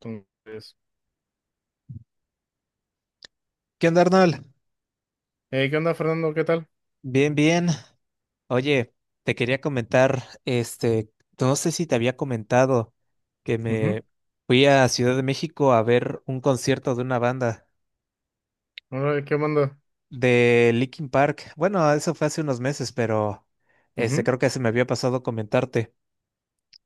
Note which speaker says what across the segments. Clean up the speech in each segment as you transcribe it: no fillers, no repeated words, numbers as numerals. Speaker 1: Entonces,
Speaker 2: ¿Qué onda, Arnold?
Speaker 1: ¿qué onda, Fernando? ¿Qué tal?
Speaker 2: Bien, bien. Oye, te quería comentar, no sé si te había comentado que
Speaker 1: Ujú.
Speaker 2: me fui a Ciudad de México a ver un concierto de una banda
Speaker 1: Órale, ¿qué onda?
Speaker 2: de Linkin Park. Bueno, eso fue hace unos meses, pero
Speaker 1: Ujú.
Speaker 2: creo que se me había pasado comentarte.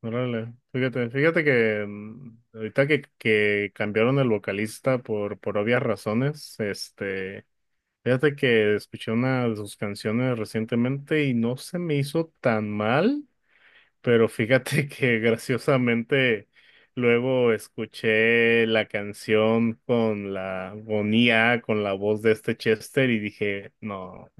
Speaker 1: Órale, fíjate, fíjate que ahorita que, cambiaron el vocalista por obvias razones, fíjate que escuché una de sus canciones recientemente y no se me hizo tan mal, pero fíjate que graciosamente luego escuché la canción con la agonía, con IA, con la voz de este Chester y dije, no.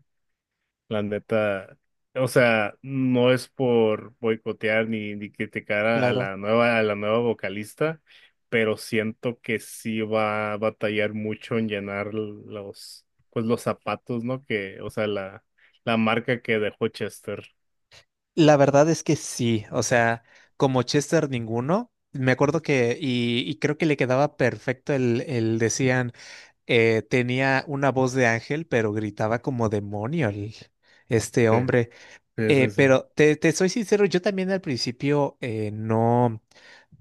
Speaker 1: La neta, o sea, no es por boicotear ni criticar a,
Speaker 2: Claro.
Speaker 1: la nueva, vocalista, pero siento que sí va a batallar mucho en llenar los zapatos, ¿no? Que, o sea, la marca que dejó Chester.
Speaker 2: La verdad es que sí, o sea, como Chester ninguno, me acuerdo que, y creo que le quedaba perfecto el decían. Tenía una voz de ángel, pero gritaba como demonio este
Speaker 1: Sí,
Speaker 2: hombre.
Speaker 1: sí, sí, sí.
Speaker 2: Pero te soy sincero, yo también al principio no,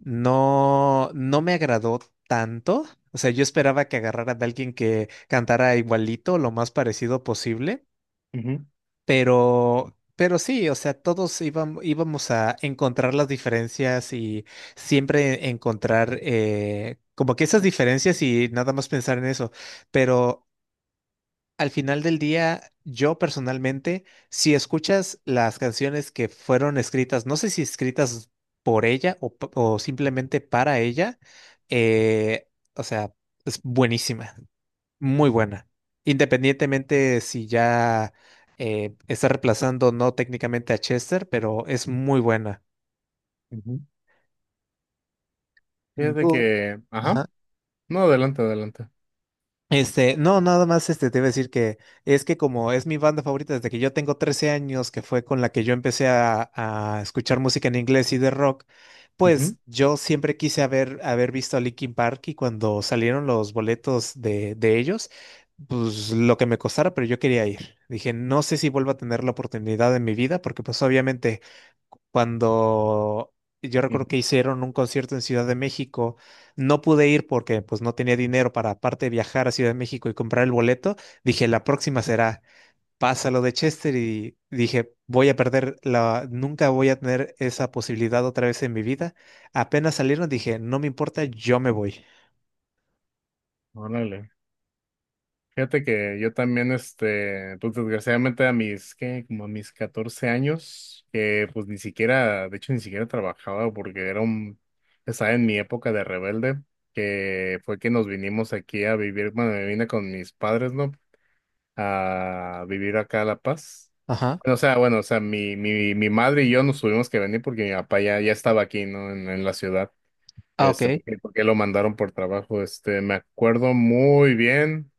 Speaker 2: no, no me agradó tanto. O sea, yo esperaba que agarrara de alguien que cantara igualito, lo más parecido posible,
Speaker 1: Ujú,
Speaker 2: pero sí, o sea, íbamos a encontrar las diferencias y siempre encontrar como que esas diferencias y nada más pensar en eso, pero al final del día, yo personalmente, si escuchas las canciones que fueron escritas, no sé si escritas por ella o simplemente para ella, eh, o sea, es buenísima, muy buena. Independientemente si ya está reemplazando no técnicamente a Chester, pero es muy buena.
Speaker 1: ujú. Fíjate
Speaker 2: ¿Tú?
Speaker 1: que, ajá,
Speaker 2: Ajá.
Speaker 1: no, adelante, adelante.
Speaker 2: No, nada más te iba a decir que es que como es mi banda favorita desde que yo tengo 13 años, que fue con la que yo empecé a escuchar música en inglés y de rock,
Speaker 1: Ujú,
Speaker 2: pues yo siempre quise haber visto a Linkin Park, y cuando salieron los boletos de ellos, pues lo que me costara, pero yo quería ir. Dije, no sé si vuelvo a tener la oportunidad en mi vida, porque pues obviamente cuando yo recuerdo que
Speaker 1: ujú.
Speaker 2: hicieron un concierto en Ciudad de México, no pude ir porque pues no tenía dinero para aparte de viajar a Ciudad de México y comprar el boleto, dije, la próxima será. Pásalo de Chester y dije, voy a perder la, nunca voy a tener esa posibilidad otra vez en mi vida. Apenas salieron, dije, no me importa, yo me voy.
Speaker 1: Órale. Fíjate que yo también, pues desgraciadamente a mis, ¿qué? Como a mis 14 años, que pues ni siquiera, de hecho ni siquiera trabajaba porque estaba en mi época de rebelde, que fue que nos vinimos aquí a vivir, bueno, me vine con mis padres, ¿no? A vivir acá a La Paz.
Speaker 2: Ajá.
Speaker 1: Bueno, o sea, mi madre y yo nos tuvimos que venir porque mi papá ya estaba aquí, ¿no? En la ciudad,
Speaker 2: Ah, ok.
Speaker 1: porque lo mandaron por trabajo, me acuerdo muy bien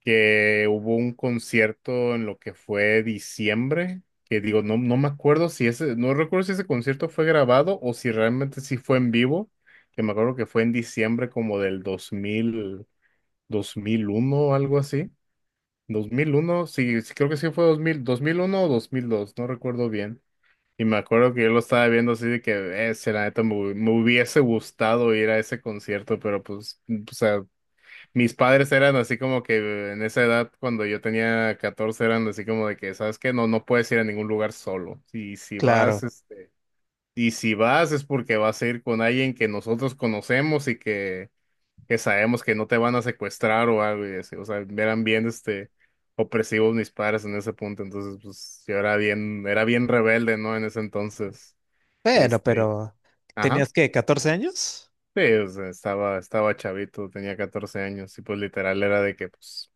Speaker 1: que hubo un concierto en lo que fue diciembre, que digo, no, no me acuerdo si ese, no recuerdo si ese concierto fue grabado o si realmente sí fue en vivo, que me acuerdo que fue en diciembre como del 2000, 2001 o algo así. Dos mil uno, sí, sí, creo que sí fue Dos mil uno o dos mil dos, no recuerdo bien. Y me acuerdo que yo lo estaba viendo así de que, si la neta me hubiese gustado ir a ese concierto, pero pues, o sea, mis padres eran así como que en esa edad, cuando yo tenía 14 eran así como de que, ¿sabes qué? No, no puedes ir a ningún lugar solo. Y si vas,
Speaker 2: Claro.
Speaker 1: este, y si vas es porque vas a ir con alguien que nosotros conocemos y que, sabemos que no te van a secuestrar o algo y así. O sea, eran bien opresivos mis padres en ese punto. Entonces, pues, yo era bien, rebelde, ¿no? En ese entonces,
Speaker 2: Bueno,
Speaker 1: este,
Speaker 2: pero
Speaker 1: ajá.
Speaker 2: ¿tenías que 14 años?
Speaker 1: Sí, o sea, estaba chavito, tenía 14 años y pues literal era de que, pues,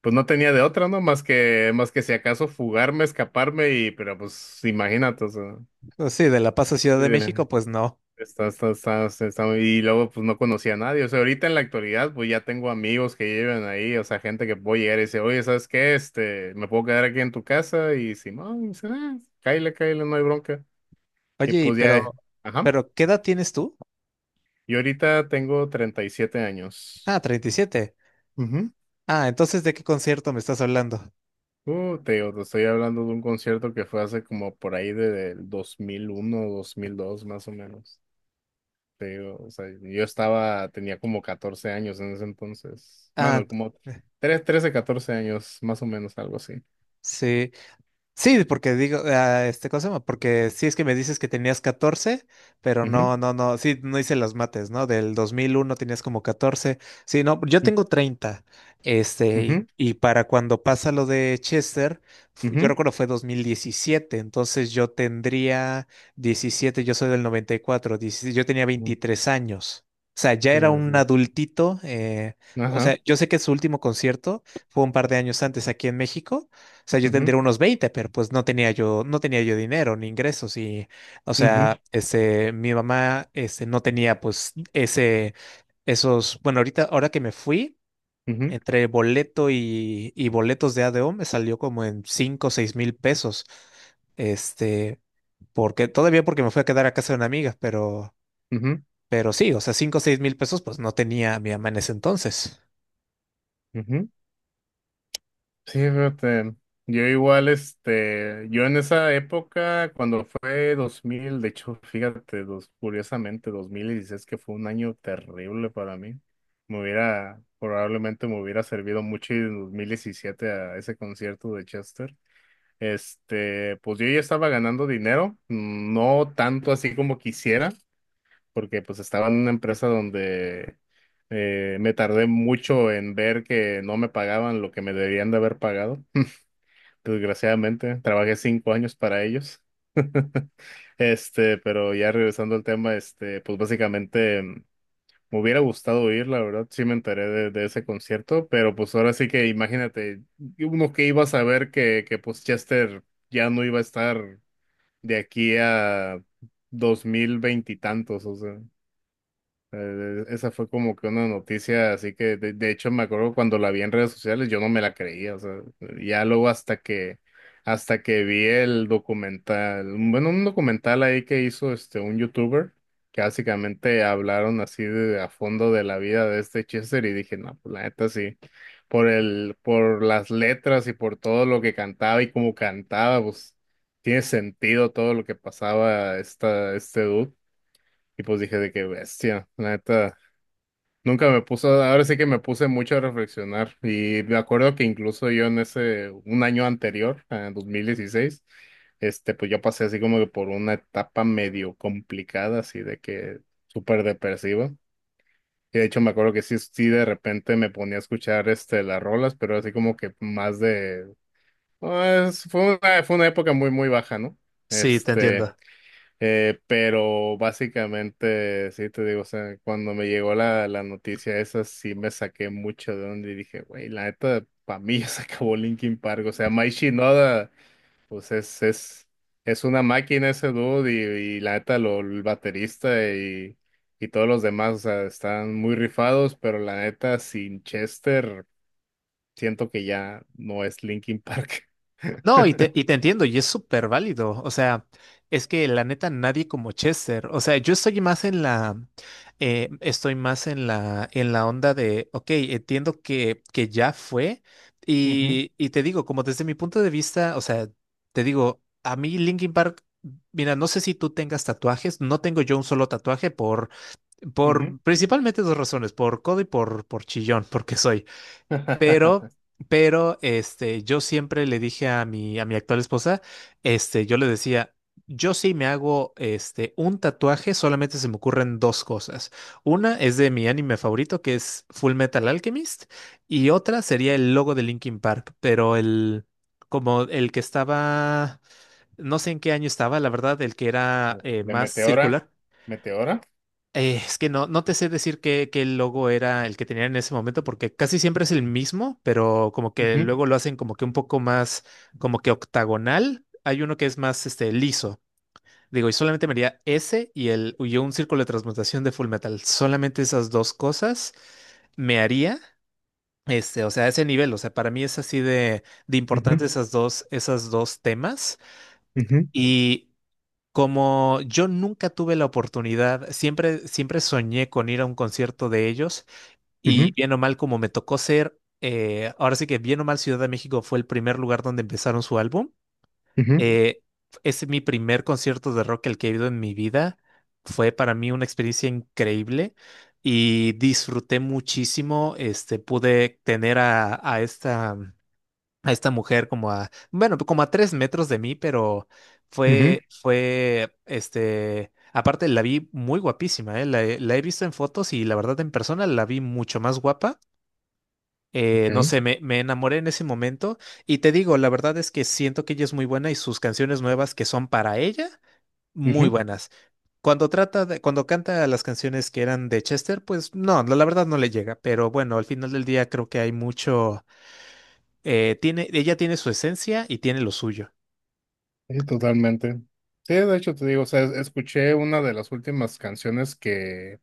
Speaker 1: pues no tenía de otra, ¿no? Más que si acaso fugarme, escaparme y, pero pues imagínate, o sea,
Speaker 2: Pues sí, de La Paz a Ciudad de
Speaker 1: eh,
Speaker 2: México, pues no.
Speaker 1: y luego pues no conocía a nadie, o sea, ahorita en la actualidad pues ya tengo amigos que llevan ahí, o sea, gente que puedo llegar y decir, oye, ¿sabes qué? Me puedo quedar aquí en tu casa y Simón, y dice, ah, cáile, cáile, no hay bronca. Y
Speaker 2: Oye, y
Speaker 1: pues ya,
Speaker 2: pero,
Speaker 1: ajá,
Speaker 2: pero ¿qué edad tienes tú?
Speaker 1: y ahorita tengo 37 años.
Speaker 2: Ah, 37. Ah, entonces ¿de qué concierto me estás hablando?
Speaker 1: Te digo, te estoy hablando de un concierto que fue hace como por ahí del 2001, 2002, más o menos. Te digo, o sea, yo tenía como 14 años en ese entonces.
Speaker 2: Ah,
Speaker 1: Bueno,
Speaker 2: t-
Speaker 1: como 3 13, 14 años, más o menos, algo así.
Speaker 2: sí. Sí, porque digo, ah, ¿cómo se llama? Porque sí es que me dices que tenías 14, pero
Speaker 1: Ujú,
Speaker 2: no, no, no, sí, no hice las mates, ¿no? Del 2001 tenías como 14. Sí, no, yo tengo 30,
Speaker 1: ujú,
Speaker 2: y para cuando pasa lo de Chester, yo
Speaker 1: ujú,
Speaker 2: recuerdo fue 2017, entonces yo tendría 17. Yo soy del 94, 16, yo tenía
Speaker 1: ujú.
Speaker 2: 23 años. O sea, ya
Speaker 1: Sí,
Speaker 2: era
Speaker 1: sí.
Speaker 2: un adultito. O
Speaker 1: Ajá.
Speaker 2: sea, yo sé que su último concierto fue un par de años antes aquí en México, o sea, yo
Speaker 1: Ujú,
Speaker 2: tendría unos 20, pero pues no tenía yo, no tenía yo dinero ni ingresos y, o
Speaker 1: ujú,
Speaker 2: sea, mi mamá, no tenía pues ese, esos, bueno, ahorita, ahora que me fui,
Speaker 1: ujú,
Speaker 2: entre boleto y boletos de ADO me salió como en 5 o 6 mil pesos, este, porque, todavía porque me fui a quedar a casa de una amiga, pero,
Speaker 1: ujú,
Speaker 2: pero sí, o sea, 5 o 6 mil pesos pues no tenía mi mamá en ese entonces.
Speaker 1: ujú. Sí, fíjate, yo igual, yo en esa época, cuando fue 2000 de hecho, fíjate, curiosamente, 2016, que fue un año terrible para mí, probablemente me hubiera servido mucho ir en 2017 a ese concierto de Chester. Pues yo ya estaba ganando dinero, no tanto así como quisiera, porque pues estaba en una empresa donde me tardé mucho en ver que no me pagaban lo que me debían de haber pagado. Desgraciadamente, trabajé 5 años para ellos. Pero ya regresando al tema, pues básicamente me hubiera gustado ir, la verdad, sí me enteré de ese concierto, pero pues ahora sí que imagínate, uno que iba a saber que, pues Chester ya no iba a estar de aquí a dos mil veintitantos, esa fue como que una noticia, así que de hecho me acuerdo cuando la vi en redes sociales, yo no me la creía, o sea, ya luego hasta que vi el documental, bueno, un documental ahí que hizo un youtuber, que básicamente hablaron así de, a fondo de la vida de este Chester y dije, no, pues la neta sí, por las letras y por todo lo que cantaba y cómo cantaba, pues tiene sentido todo lo que pasaba este dude. Y pues dije de qué bestia, la neta. Nunca me puso, ahora sí que me puse mucho a reflexionar y me acuerdo que incluso yo en un año anterior, en 2016, pues yo pasé así como que por una etapa medio complicada, así de que súper depresiva. Y de hecho me acuerdo que sí, sí de repente me ponía a escuchar las rolas, pero así como que más de, pues, fue una época muy, muy baja, ¿no?
Speaker 2: Sí, te
Speaker 1: Este...
Speaker 2: entiendo.
Speaker 1: Pero básicamente, sí te digo, o sea, cuando me llegó la noticia esa, sí me saqué mucho de onda y dije, güey, la neta, para mí ya se acabó Linkin Park. O sea, Mike Shinoda, pues es, es una máquina ese dude y la neta, el baterista y todos los demás, o sea, están muy rifados, pero la neta, sin Chester, siento que ya no es Linkin Park.
Speaker 2: No, y te, y te entiendo, y es súper válido. O sea, es que la neta nadie como Chester. O sea, yo estoy más en la, estoy más en la onda de, ok, entiendo que ya fue.
Speaker 1: Ujú,
Speaker 2: Y te digo, como desde mi punto de vista, o sea, te digo, a mí Linkin Park, mira, no sé si tú tengas tatuajes, no tengo yo un solo tatuaje
Speaker 1: ujú.
Speaker 2: por principalmente dos razones, por codo y por chillón, porque soy. Pero, yo siempre le dije a mi actual esposa, yo le decía, yo sí me hago, un tatuaje, solamente se me ocurren dos cosas. Una es de mi anime favorito, que es Full Metal Alchemist, y otra sería el logo de Linkin Park, pero el, como el que estaba, no sé en qué año estaba, la verdad, el que era
Speaker 1: De
Speaker 2: más
Speaker 1: Meteora.
Speaker 2: circular.
Speaker 1: Meteora.
Speaker 2: Es que no, no te sé decir qué logo era el que tenían en ese momento, porque casi siempre es el mismo, pero como que
Speaker 1: Ujú,
Speaker 2: luego lo hacen como que un poco más, como que octagonal. Hay uno que es más liso. Digo, y solamente me haría ese y el y un círculo de transmutación de Full Metal. Solamente esas dos cosas me haría. O sea, ese nivel, o sea, para mí es así de importante
Speaker 1: ujú,
Speaker 2: esas dos temas.
Speaker 1: ujú,
Speaker 2: Y como yo nunca tuve la oportunidad, siempre, siempre soñé con ir a un concierto de ellos, y
Speaker 1: ujú,
Speaker 2: bien o mal como me tocó ser, ahora sí que bien o mal Ciudad de México fue el primer lugar donde empezaron su álbum.
Speaker 1: ujú,
Speaker 2: eh, es mi primer concierto de rock el que he ido en mi vida. Fue para mí una experiencia increíble y disfruté muchísimo. Pude tener a esta mujer como a, bueno, como a 3 metros de mí, pero
Speaker 1: ujú,
Speaker 2: fue, fue, aparte la vi muy guapísima, ¿eh? La he visto en fotos y la verdad en persona la vi mucho más guapa.
Speaker 1: ok,
Speaker 2: No sé, me enamoré en ese momento, y te digo, la verdad es que siento que ella es muy buena, y sus canciones nuevas que son para ella, muy
Speaker 1: ujú.
Speaker 2: buenas. Cuando trata de, cuando canta las canciones que eran de Chester, pues no, la verdad no le llega, pero bueno, al final del día creo que hay mucho, ella tiene su esencia y tiene lo suyo.
Speaker 1: Sí, totalmente. Sí, de hecho te digo, o sea, escuché una de las últimas canciones que,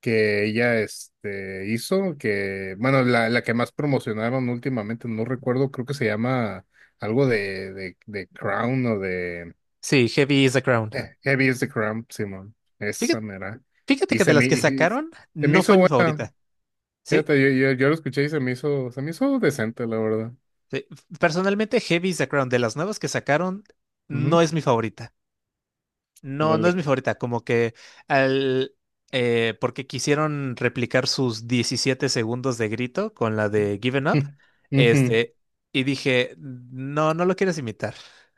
Speaker 1: ella hizo, que, bueno, la que más promocionaron últimamente, no recuerdo, creo que se llama algo de, de Crown o de
Speaker 2: Sí, Heavy is the Crown.
Speaker 1: Heavy is the Crown, Simón. Esa
Speaker 2: Fíjate,
Speaker 1: mera.
Speaker 2: fíjate
Speaker 1: Y
Speaker 2: que de
Speaker 1: se me,
Speaker 2: las que
Speaker 1: y
Speaker 2: sacaron,
Speaker 1: se me
Speaker 2: no
Speaker 1: hizo
Speaker 2: fue mi
Speaker 1: buena.
Speaker 2: favorita. Sí,
Speaker 1: Fíjate, yo lo escuché y se me hizo decente, la verdad.
Speaker 2: sí. Personalmente, Heavy is the Crown, de las nuevas que sacaron, no
Speaker 1: Ujú,
Speaker 2: es mi favorita. No, no es
Speaker 1: órale.
Speaker 2: mi favorita, como que al porque quisieron replicar sus 17 segundos de grito con la de Given Up,
Speaker 1: Ujú,
Speaker 2: este, y dije, no, no lo quieres imitar.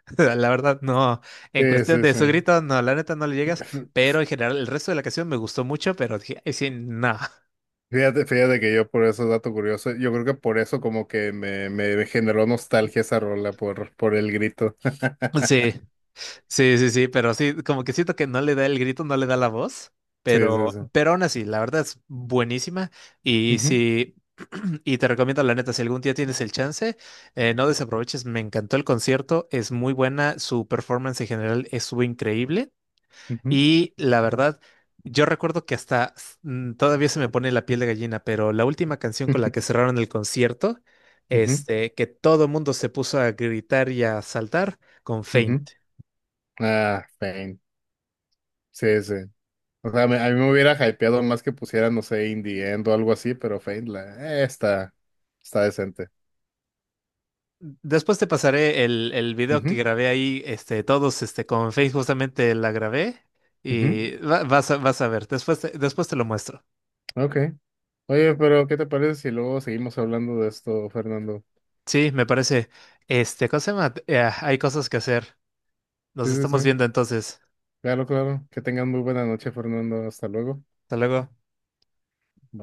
Speaker 2: La verdad, no. En
Speaker 1: sí,
Speaker 2: cuestión
Speaker 1: sí,
Speaker 2: de
Speaker 1: sí.
Speaker 2: su grito, no, la neta no le llegas,
Speaker 1: F-
Speaker 2: pero en general el resto de la canción me gustó mucho, pero dije, "Ay, sí, no."
Speaker 1: Fíjate, fíjate que yo por eso, dato curioso, yo creo que por eso como que me generó nostalgia esa rola por el grito.
Speaker 2: Sí. Sí, sí, sí, pero sí, como que siento que no le da el grito, no le da la voz,
Speaker 1: Sí, sí, sí.
Speaker 2: pero aún así, la verdad es buenísima y
Speaker 1: Ujú,
Speaker 2: sí, y te recomiendo la neta, si algún día tienes el chance, no desaproveches, me encantó el concierto, es muy buena, su performance en general estuvo increíble,
Speaker 1: ujú,
Speaker 2: y la verdad, yo recuerdo que hasta todavía se me pone la piel de gallina, pero la última canción con la que cerraron el concierto,
Speaker 1: ujú,
Speaker 2: que todo mundo se puso a gritar y a saltar con
Speaker 1: ujú, ujú.
Speaker 2: Faint.
Speaker 1: Ah, Fein. Sí, sí. O sea, a mí me hubiera hypeado más que pusieran, no sé, Indie End o algo así, pero Fein está decente.
Speaker 2: Después te pasaré el video que
Speaker 1: Ujú,
Speaker 2: grabé ahí, todos, con Face justamente la grabé,
Speaker 1: ujú.
Speaker 2: y vas a ver, después te lo muestro.
Speaker 1: Ok. Oye, pero ¿qué te parece si luego seguimos hablando de esto, Fernando?
Speaker 2: Sí, me parece, ¿cómo se llama? Hay cosas que hacer.
Speaker 1: Sí,
Speaker 2: Nos
Speaker 1: sí,
Speaker 2: estamos
Speaker 1: sí.
Speaker 2: viendo entonces.
Speaker 1: Claro, claro. Que tengan muy buena noche, Fernando. Hasta luego.
Speaker 2: Hasta luego.
Speaker 1: Bye.